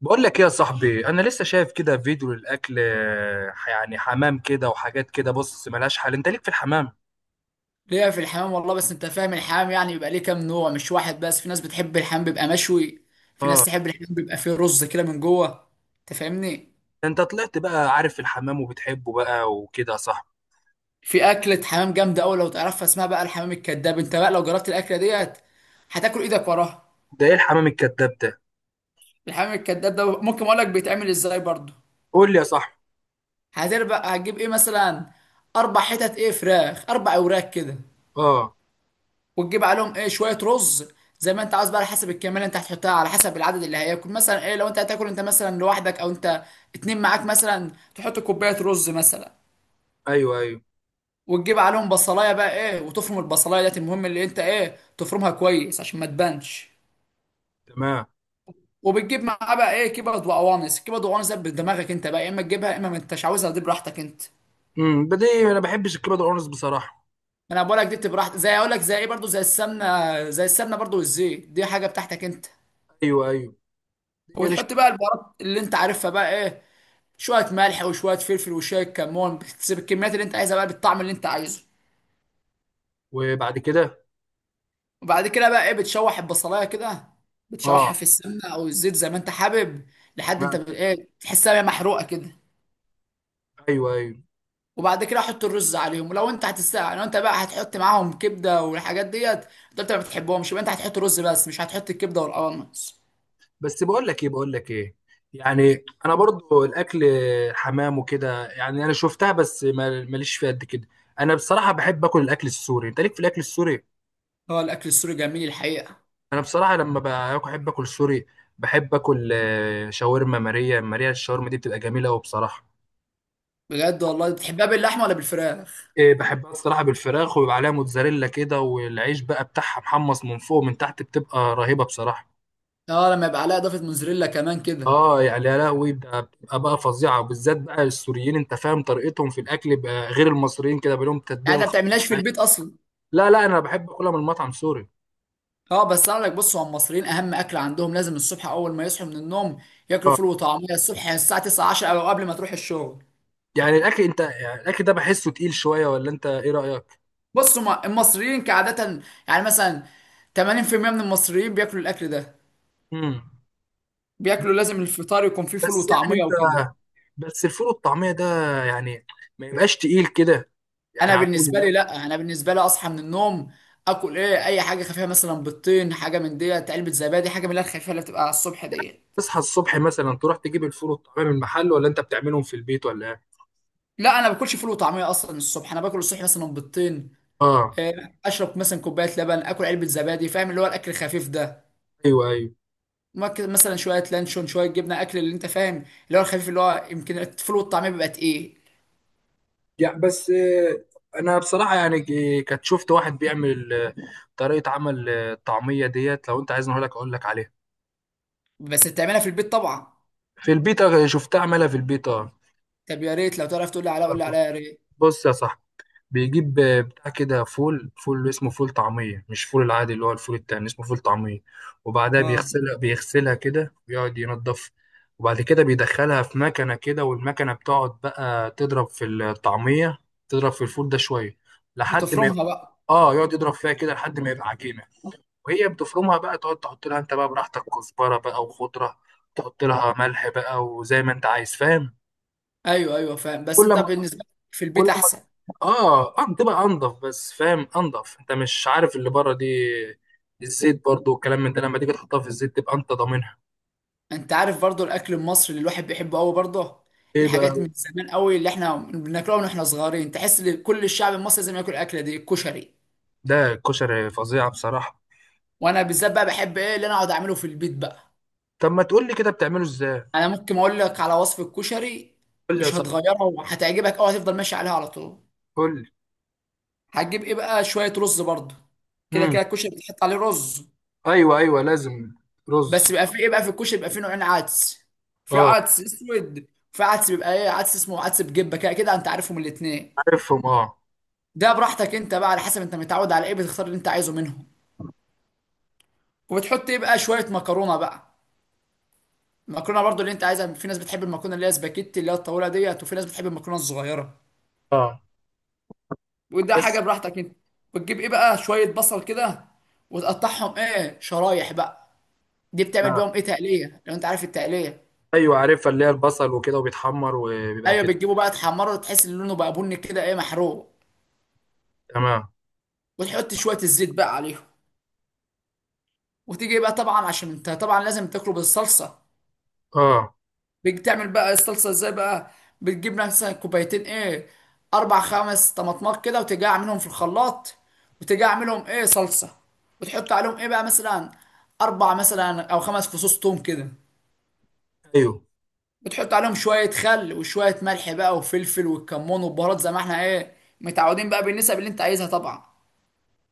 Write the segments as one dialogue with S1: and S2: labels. S1: بقول لك ايه يا صاحبي؟ انا لسه شايف كده فيديو للاكل، يعني حمام كده وحاجات كده. بص، ملهاش حل. انت ليك في الحمام؟
S2: ليا في الحمام والله. بس انت فاهم الحمام يعني بيبقى ليه كام نوع مش واحد بس. في ناس بتحب الحمام بيبقى مشوي، في ناس
S1: اه.
S2: تحب الحمام بيبقى فيه رز كده من جوه. انت فاهمني؟
S1: ده انت طلعت بقى عارف الحمام وبتحبه بقى وكده يا صاحبي.
S2: في اكلة حمام جامدة قوي لو تعرفها، اسمها بقى الحمام الكذاب. انت بقى لو جربت الاكلة ديت هتاكل ايدك وراها.
S1: ده ايه الحمام الكذاب ده؟
S2: الحمام الكذاب ده ممكن اقول لك بيتعمل ازاي برضه.
S1: قول لي يا صاحبي.
S2: هتربق، هتجيب ايه مثلا؟ اربع حتت ايه فراخ، اربع اوراق كده.
S1: اه.
S2: وتجيب عليهم ايه شويه رز، زي ما انت عاوز بقى، على حسب الكميه اللي انت هتحطها، على حسب العدد اللي هياكل. مثلا ايه لو انت هتاكل انت مثلا لوحدك او انت اتنين معاك، مثلا تحط كوبايه رز مثلا.
S1: ايوه، ايوه.
S2: وتجيب عليهم بصلايه بقى ايه، وتفرم البصلايه ديت، المهم اللي انت ايه تفرمها كويس عشان ما تبانش.
S1: تمام.
S2: وبتجيب معاه بقى ايه كبد وقوانص. الكبد والقوانص ده بدماغك انت بقى، يا اما تجيبها يا اما ما انتش عاوزها، دي براحتك انت.
S1: بدي انا ما بحبش الكبد والقرنص بصراحه.
S2: انا بقول لك دي بتبقى براحتك، زي اقول لك زي ايه برضو، زي السمنه، زي السمنه برضو والزيت، دي حاجه بتاعتك انت.
S1: ايوه، ايوه. دي مش...
S2: وبتحط بقى البهارات اللي انت عارفها بقى ايه، شويه ملح وشويه فلفل وشويه كمون. بتسيب الكميات اللي انت عايزها بقى بالطعم اللي انت عايزه.
S1: وبعد كده؟
S2: وبعد كده بقى ايه بتشوح البصلايه كده، بتشوحها
S1: اه.
S2: في السمنه او الزيت زي ما انت حابب، لحد انت
S1: تمام.
S2: ب- ايه تحسها بقى محروقه كده.
S1: ايوه، ايوه.
S2: وبعد كده حط الرز عليهم. ولو انت هتستع، لو انت بقى هتحط معاهم كبده والحاجات ديت. انت ما بتحبهمش، يبقى انت هتحط رز بس مش هتحط الكبده والقوانص.
S1: بس بقول لك ايه، يعني انا برضو الاكل حمام وكده، يعني انا شفتها، بس ماليش فيها قد كده. انا بصراحه بحب اكل الاكل السوري. انت ليك في الاكل السوري؟
S2: هو الاكل السوري جميل الحقيقه.
S1: انا بصراحه لما باكل بحب اكل سوري. بحب اكل شاورما. ماريا ماريا، الشاورما دي بتبقى جميله قوي بصراحه.
S2: بجد والله؟ بتحبها باللحمه ولا بالفراخ؟
S1: إيه، بحبها الصراحه بالفراخ، وبيبقى عليها موتزاريلا كده، والعيش بقى بتاعها محمص من فوق ومن تحت، بتبقى رهيبه بصراحه.
S2: اه لما يبقى عليها اضافه موزاريلا كمان كده.
S1: اه، يعني يا لهوي بتبقى بقى فظيعه، وبالذات بقى السوريين انت فاهم طريقتهم في الاكل بقى، غير المصريين كده، بقى لهم
S2: يعني
S1: التتبيله
S2: انت ما
S1: الخاصه.
S2: بتعملهاش في البيت اصلا؟
S1: لا، لا، انا بحب اكلها من مطعم سوري.
S2: اه بس اقول لك، بص هو المصريين اهم اكل عندهم لازم الصبح اول ما يصحوا من النوم ياكلوا
S1: اه.
S2: فول وطعميه الصبح، يعني الساعه 9 10 او قبل ما تروح الشغل.
S1: يعني الاكل انت، يعني الاكل ده بحسه تقيل شويه، ولا انت ايه رايك؟
S2: بص هما المصريين كعاده يعني مثلا 80% من المصريين بياكلوا الاكل ده،
S1: امم
S2: بياكلوا لازم الفطار يكون فيه فول
S1: بس يعني
S2: وطعميه
S1: انت،
S2: وكده.
S1: بس الفول والطعميه ده، يعني ما يبقاش تقيل كده، يعني
S2: انا
S1: على اول
S2: بالنسبه لي
S1: يوم.
S2: لا، انا بالنسبه لي اصحى من النوم اكل ايه، اي حاجه خفيفه، مثلا بيضتين، حاجه من ديت، علبه زبادي، حاجه من اللي هي الخفيفه اللي بتبقى على الصبح ديت.
S1: تصحى الصبح مثلا تروح تجيب الفول والطعميه من المحل، ولا انت بتعملهم في البيت، ولا ايه؟
S2: لا انا ما باكلش فول وطعميه اصلا الصبح، انا باكل الصبح مثلا بيضتين،
S1: اه.
S2: اشرب مثلا كوبايه لبن، اكل علبه زبادي، فاهم اللي هو الاكل الخفيف ده.
S1: ايوه، ايوه.
S2: ممكن مثلا شويه لانشون، شويه جبنه، اكل اللي انت فاهم، اللي هو الخفيف. اللي هو يمكن الفول والطعميه بيبقى تقيل.
S1: يعني بس انا بصراحه يعني كنت شفت واحد بيعمل طريقه عمل الطعميه ديت. لو انت عايزني اقول لك عليها.
S2: بس بتعملها في البيت طبعا.
S1: في البيتا، شفتها عملها في البيتا.
S2: طب يا ريت لو تعرف تقول لي عليها، قول لي عليها يا ريت.
S1: بص يا صاحبي، بيجيب بتاع كده فول اسمه فول طعميه، مش فول العادي، اللي هو الفول التاني اسمه فول طعميه. وبعدها
S2: اه،
S1: بيغسلها كده ويقعد ينضف. وبعد كده بيدخلها في مكنه كده، والمكنه بتقعد بقى تضرب في الطعميه، تضرب في الفول ده شويه لحد ما
S2: بتفرمها
S1: يبقى...
S2: بقى.
S1: اه، يقعد يضرب فيها كده لحد ما يبقى عجينه. وهي بتفرمها بقى، تقعد تحط لها انت بقى براحتك كزبره بقى وخضره، تحط لها ملح بقى، وزي ما انت عايز فاهم.
S2: ايوه ايوه فاهم. بس
S1: كل
S2: انت
S1: ما
S2: بالنسبه لك في البيت
S1: كل ما
S2: احسن.
S1: اه، اه، بتبقى انضف، بس فاهم انضف انت مش عارف اللي بره دي. الزيت برضو والكلام من ده، لما تيجي تحطها في الزيت تبقى انت ضامنها.
S2: انت عارف برضو الاكل المصري اللي الواحد بيحبه قوي برضه،
S1: ايه بقى؟
S2: الحاجات من زمان قوي اللي احنا بناكلها من احنا صغيرين، تحس ان كل الشعب المصري لازم ياكل الاكله دي، الكشري.
S1: ده الكشري فظيعه بصراحه.
S2: وانا بالذات بقى بحب ايه اللي انا اقعد اعمله في البيت بقى.
S1: طب ما تقول لي كده بتعمله ازاي.
S2: انا ممكن اقول لك على وصفة كشري
S1: قول لي يا
S2: مش
S1: صاحبي.
S2: هتغيرها وهتعجبك او هتفضل ماشي عليها على طول.
S1: قول لي.
S2: هتجيب ايه بقى، شوية رز برضه، كده
S1: امم
S2: كده الكشري بتحط عليه رز.
S1: ايوه، ايوه، لازم
S2: بس
S1: رز.
S2: بيبقى فيه ايه بقى في الكشري، بيبقى فيه نوعين عدس، في
S1: اه،
S2: عدس اسود، وفي عدس بيبقى ايه عدس اسمه عدس بجبة، كده كده انت عارفهم الاتنين.
S1: عارفهم. اه،
S2: ده براحتك انت بقى، على حسب انت متعود على ايه بتختار اللي انت عايزه منهم. وبتحط ايه بقى شوية مكرونة بقى، المكرونة برضه اللي انت عايزها. في ناس بتحب المكرونة اللي هي سباكيتي اللي هي الطويلة ديت، وفي ناس بتحب المكرونة الصغيرة،
S1: اه.
S2: وده
S1: بس.
S2: حاجه براحتك انت. بتجيب ايه بقى شويه بصل كده، وتقطعهم ايه شرايح بقى، دي بتعمل
S1: تمام.
S2: بيهم ايه تقليه، لو انت عارف التقليه.
S1: ايوه، عارفها، اللي هي البصل وكده وبيتحمر وبيبقى
S2: ايوه،
S1: كده.
S2: بتجيبه بقى تحمره تحس ان لونه بقى بني كده ايه محروق.
S1: تمام.
S2: وتحط شويه الزيت بقى عليهم. وتيجي بقى طبعا عشان انت طبعا لازم تاكله بالصلصه.
S1: اه.
S2: بتعمل بقى الصلصه ازاي بقى، بتجيب مثلا كوبايتين ايه، اربع خمس طماطمات كده، وتيجي اعملهم في الخلاط، وتيجي اعملهم ايه صلصه، وتحط عليهم ايه بقى مثلا اربع مثلا او خمس فصوص توم كده.
S1: ايوه،
S2: بتحط عليهم شوية خل وشوية ملح بقى وفلفل والكمون والبهارات زي ما احنا ايه متعودين بقى، بالنسب اللي انت عايزها طبعا.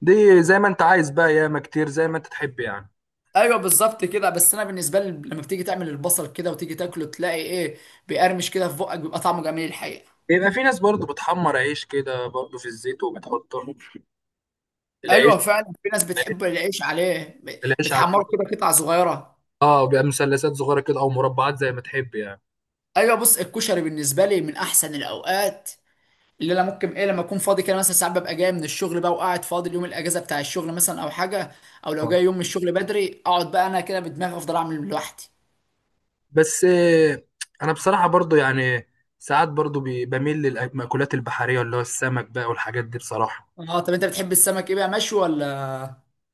S1: دي زي ما انت عايز بقى، ياما كتير زي ما انت تحب يعني.
S2: ايوه بالظبط كده. بس انا بالنسبة لي لما بتيجي تعمل البصل كده وتيجي تاكله تلاقي ايه، بيقرمش كده في بقك، بيبقى طعمه جميل الحقيقة.
S1: يبقى في ناس برضو بتحمر عيش كده برضو في الزيت وبتحطه. العيش،
S2: ايوه فعلا، في ناس
S1: العيش،
S2: بتحب العيش عليه،
S1: العيش على
S2: بتحمره
S1: الكشري.
S2: كده قطع صغيرة.
S1: اه، بيبقى مثلثات صغيره كده، او مربعات زي ما تحب يعني.
S2: ايوه بص الكشري بالنسبة لي من احسن الاوقات اللي انا ممكن ايه لما اكون فاضي كده، مثلا ساعات ببقى جاي من الشغل بقى وقاعد فاضي، اليوم الاجازه بتاع الشغل مثلا او حاجه، او لو
S1: آه.
S2: جاي يوم من الشغل بدري اقعد بقى انا كده بدماغي، افضل اعمل لوحدي.
S1: بس انا بصراحه برضو يعني ساعات برضو بميل للمأكولات البحريه، اللي هو السمك بقى والحاجات دي بصراحه.
S2: اه طب انت بتحب السمك ايه بقى، مشوي ولا؟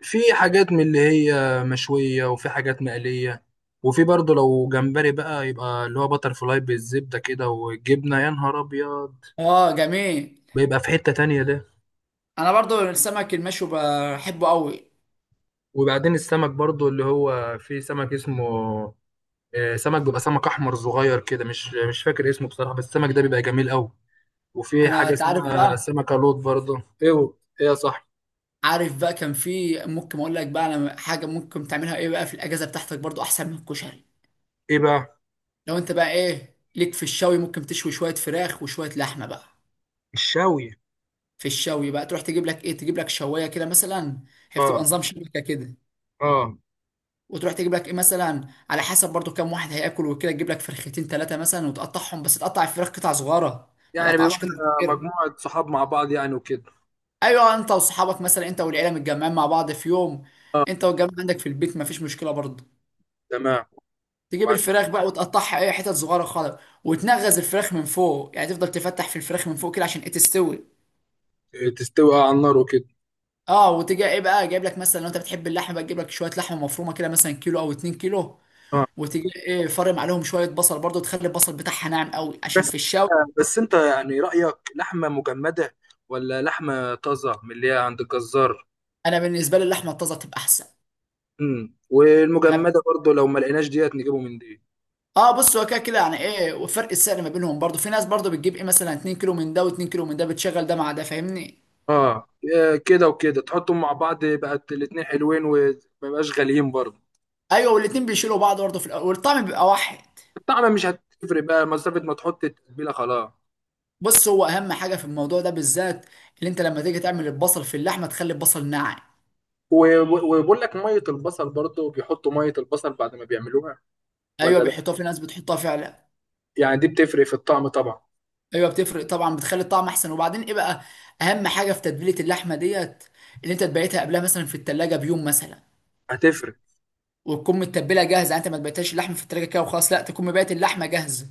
S1: في حاجات من اللي هي مشوية، وفي حاجات مقلية، وفي برضه لو جمبري بقى يبقى اللي هو باتر فلاي بالزبدة كده والجبنة، يا نهار أبيض،
S2: اه جميل.
S1: بيبقى في حتة تانية ده.
S2: انا برضو السمك المشوي بحبه قوي.
S1: وبعدين السمك برضه اللي هو في سمك اسمه سمك. بيبقى سمك أحمر صغير كده، مش فاكر اسمه بصراحة، بس السمك ده بيبقى جميل أوي. وفي
S2: انا
S1: حاجة
S2: انت عارف
S1: اسمها
S2: بقى،
S1: سمكة لوط برضه. إيه؟ إيه يا صاحبي؟
S2: عارف بقى كان في ممكن اقول لك بقى انا حاجه ممكن تعملها ايه بقى في الاجازه بتاعتك برضو احسن من الكشري.
S1: إيه بقى؟
S2: لو انت بقى ايه ليك في الشوي، ممكن تشوي شويه فراخ وشويه لحمه بقى.
S1: الشاوي.
S2: في الشوي بقى تروح تجيب لك ايه، تجيب لك شوايه كده مثلا، هي بتبقى
S1: آه.
S2: نظام شبكه كده.
S1: آه.
S2: وتروح تجيب لك ايه مثلا على حسب برضو كام واحد هياكل وكده، تجيب لك فرختين ثلاثه مثلا وتقطعهم، بس تقطع الفراخ قطع صغيره، ما
S1: يعني بيبقى
S2: تقطعش قطع
S1: إحنا
S2: كبيره.
S1: مجموعة صحاب مع بعض يعني وكده.
S2: ايوه انت واصحابك مثلا، انت والعيله متجمعين مع بعض في يوم،
S1: آه.
S2: انت والجماعه عندك في البيت، ما فيش مشكله برضو.
S1: تمام.
S2: تجيب الفراخ بقى وتقطعها اي حتت صغيره خالص، وتنغز الفراخ من فوق، يعني تفضل تفتح في الفراخ من فوق كده عشان ايه تستوي.
S1: تستوي على النار وكده.
S2: اه. وتجي ايه بقى جايب لك مثلا، لو انت بتحب اللحمه بقى تجيب لك شويه لحمه مفرومه كده، مثلا كيلو او 2 كيلو،
S1: اه.
S2: وتجي ايه فرم عليهم شويه بصل برضو، تخلي البصل بتاعها ناعم قوي عشان
S1: بس،
S2: في الشاوي.
S1: بس انت يعني رأيك لحمة مجمدة، ولا لحمة طازة من اللي هي عند الجزار؟
S2: انا بالنسبه لي اللحمه الطازه تبقى احسن. انا
S1: والمجمدة برضو لو ما لقيناش ديت نجيبه من دي.
S2: اه بص هو كده كده يعني ايه، وفرق السعر ما بينهم برضو، في ناس برضو بتجيب ايه مثلا 2 كيلو من ده و2 كيلو من ده، بتشغل ده مع ده، فاهمني.
S1: اه. كده وكده تحطهم مع بعض، بقت الاتنين حلوين وما يبقاش غاليين برضو.
S2: ايوه والاتنين بيشيلوا بعض برضو في الاول، والطعم بيبقى واحد.
S1: الطعم مش هتفرق بقى مسافة ما تحط التتبيلة خلاص.
S2: بص هو اهم حاجه في الموضوع ده بالذات، اللي انت لما تيجي تعمل البصل في اللحمه تخلي البصل ناعم.
S1: وبقول لك، مية البصل برضو بيحطوا مية البصل بعد ما بيعملوها،
S2: ايوه
S1: ولا لا؟
S2: بيحطوها، في ناس بتحطها فعلا.
S1: يعني دي بتفرق في الطعم طبعا.
S2: ايوه بتفرق طبعا، بتخلي الطعم احسن. وبعدين ايه بقى، اهم حاجه في تتبيله اللحمه ديت، اللي انت تبيتها قبلها مثلا في التلاجة بيوم مثلا،
S1: هتفرق.
S2: وتكون متبله جاهزه. يعني انت ما تبيتهاش اللحمه في التلاجة كده وخلاص، لا تكون مبيت اللحمه جاهزه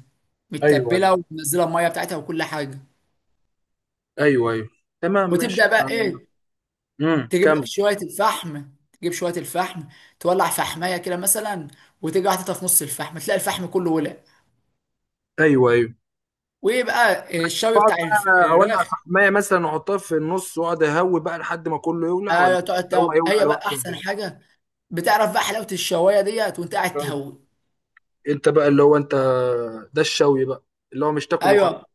S1: ايوه،
S2: متبله، ومنزله الميه بتاعتها وكل حاجه.
S1: ايوه، ايوه. تمام، ماشي.
S2: وتبدا بقى ايه، تجيب لك
S1: كمل.
S2: شويه الفحم، تجيب شويه الفحم تولع فحمايه كده مثلا، وتيجي حاططها في نص الفحم تلاقي الفحم كله ولع.
S1: ايوه، ايوه.
S2: وايه بقى الشوي
S1: اقعد
S2: بتاع
S1: بقى اولع
S2: الفراخ.
S1: فحمايه مثلا واحطها في النص واقعد اهوي بقى لحد ما كله يولع، ولا
S2: ايوه
S1: هو هيولع
S2: هي
S1: لوحده
S2: بقى
S1: ولا
S2: احسن
S1: إيه؟
S2: حاجه، بتعرف بقى حلاوه الشوايه ديت وانت قاعد
S1: فاهم.
S2: تهوي.
S1: انت بقى اللي هو انت، ده الشوي بقى، اللي هو مش تاكل وخلاص.
S2: ايوه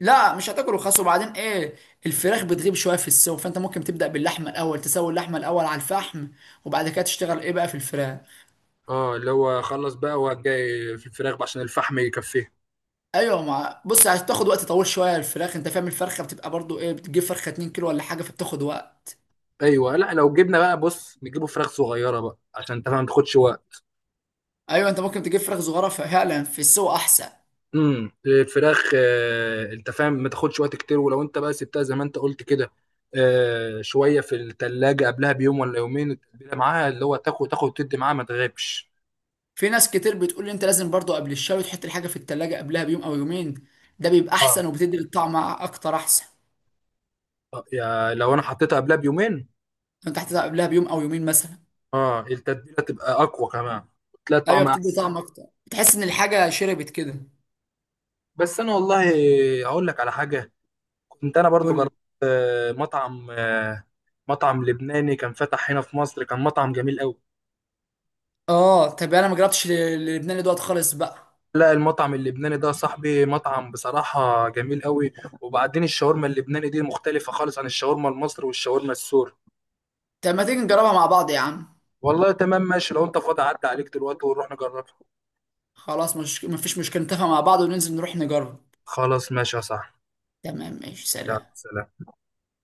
S2: لا مش هتاكل رخاص. وبعدين ايه، الفراخ بتغيب شويه في السوا، فانت ممكن تبدا باللحمه الاول، تسوي اللحمه الاول على الفحم، وبعد كده تشتغل ايه بقى في الفراخ.
S1: اه، اللي هو خلص بقى وجاي في الفراخ بقى عشان الفحم يكفيه.
S2: ايوه مع بص هتاخد وقت طويل شويه الفراخ، انت فاهم الفرخه بتبقى برضو ايه، بتجيب فرخه 2 كيلو ولا حاجه فبتاخد وقت.
S1: ايوه. لا، لو جبنا بقى، بص، نجيبه فراخ صغيره بقى عشان انت فاهم ما تاخدش وقت.
S2: ايوه انت ممكن تجيب فراخ صغيره فعلا، في السوا احسن.
S1: الفراخ انت فاهم ما تاخدش وقت كتير، ولو انت بقى سبتها زي ما انت قلت كده شويه في التلاجة قبلها بيوم ولا يومين، التتبيله معاها اللي هو تاخد تاخد وتدي معاها ما تغيبش.
S2: في ناس كتير بتقول لي انت لازم برضو قبل الشوي تحط الحاجه في التلاجة قبلها بيوم او يومين، ده بيبقى
S1: اه.
S2: احسن وبتدي الطعم اكتر احسن.
S1: يا لو انا حطيتها قبلها بيومين،
S2: انت هتحطها قبلها بيوم او يومين مثلا.
S1: اه، التتبيله تبقى اقوى كمان، تلاقي
S2: ايوه
S1: الطعم
S2: بتدي
S1: احسن.
S2: طعم اكتر، بتحس ان الحاجه شربت كده.
S1: بس انا والله اقول لك على حاجه، كنت انا برضو
S2: قول لي.
S1: جربت مطعم، مطعم لبناني كان فتح هنا في مصر، كان مطعم جميل قوي.
S2: اه طب انا ما جربتش اللبناني دوت خالص بقى.
S1: لا، المطعم اللبناني ده يا صاحبي مطعم بصراحة جميل قوي. وبعدين الشاورما اللبناني دي مختلفة خالص عن الشاورما المصري والشاورما السوري.
S2: طب ما تيجي نجربها مع بعض يا عم.
S1: والله تمام، ماشي، لو انت فاضي عدى عليك دلوقتي ونروح نجربها.
S2: خلاص مش مفيش مشكله، نتفق مع بعض وننزل نروح نجرب.
S1: خلاص، ماشي يا صاحبي.
S2: تمام ماشي،
S1: يلا،
S2: سلام.
S1: سلام.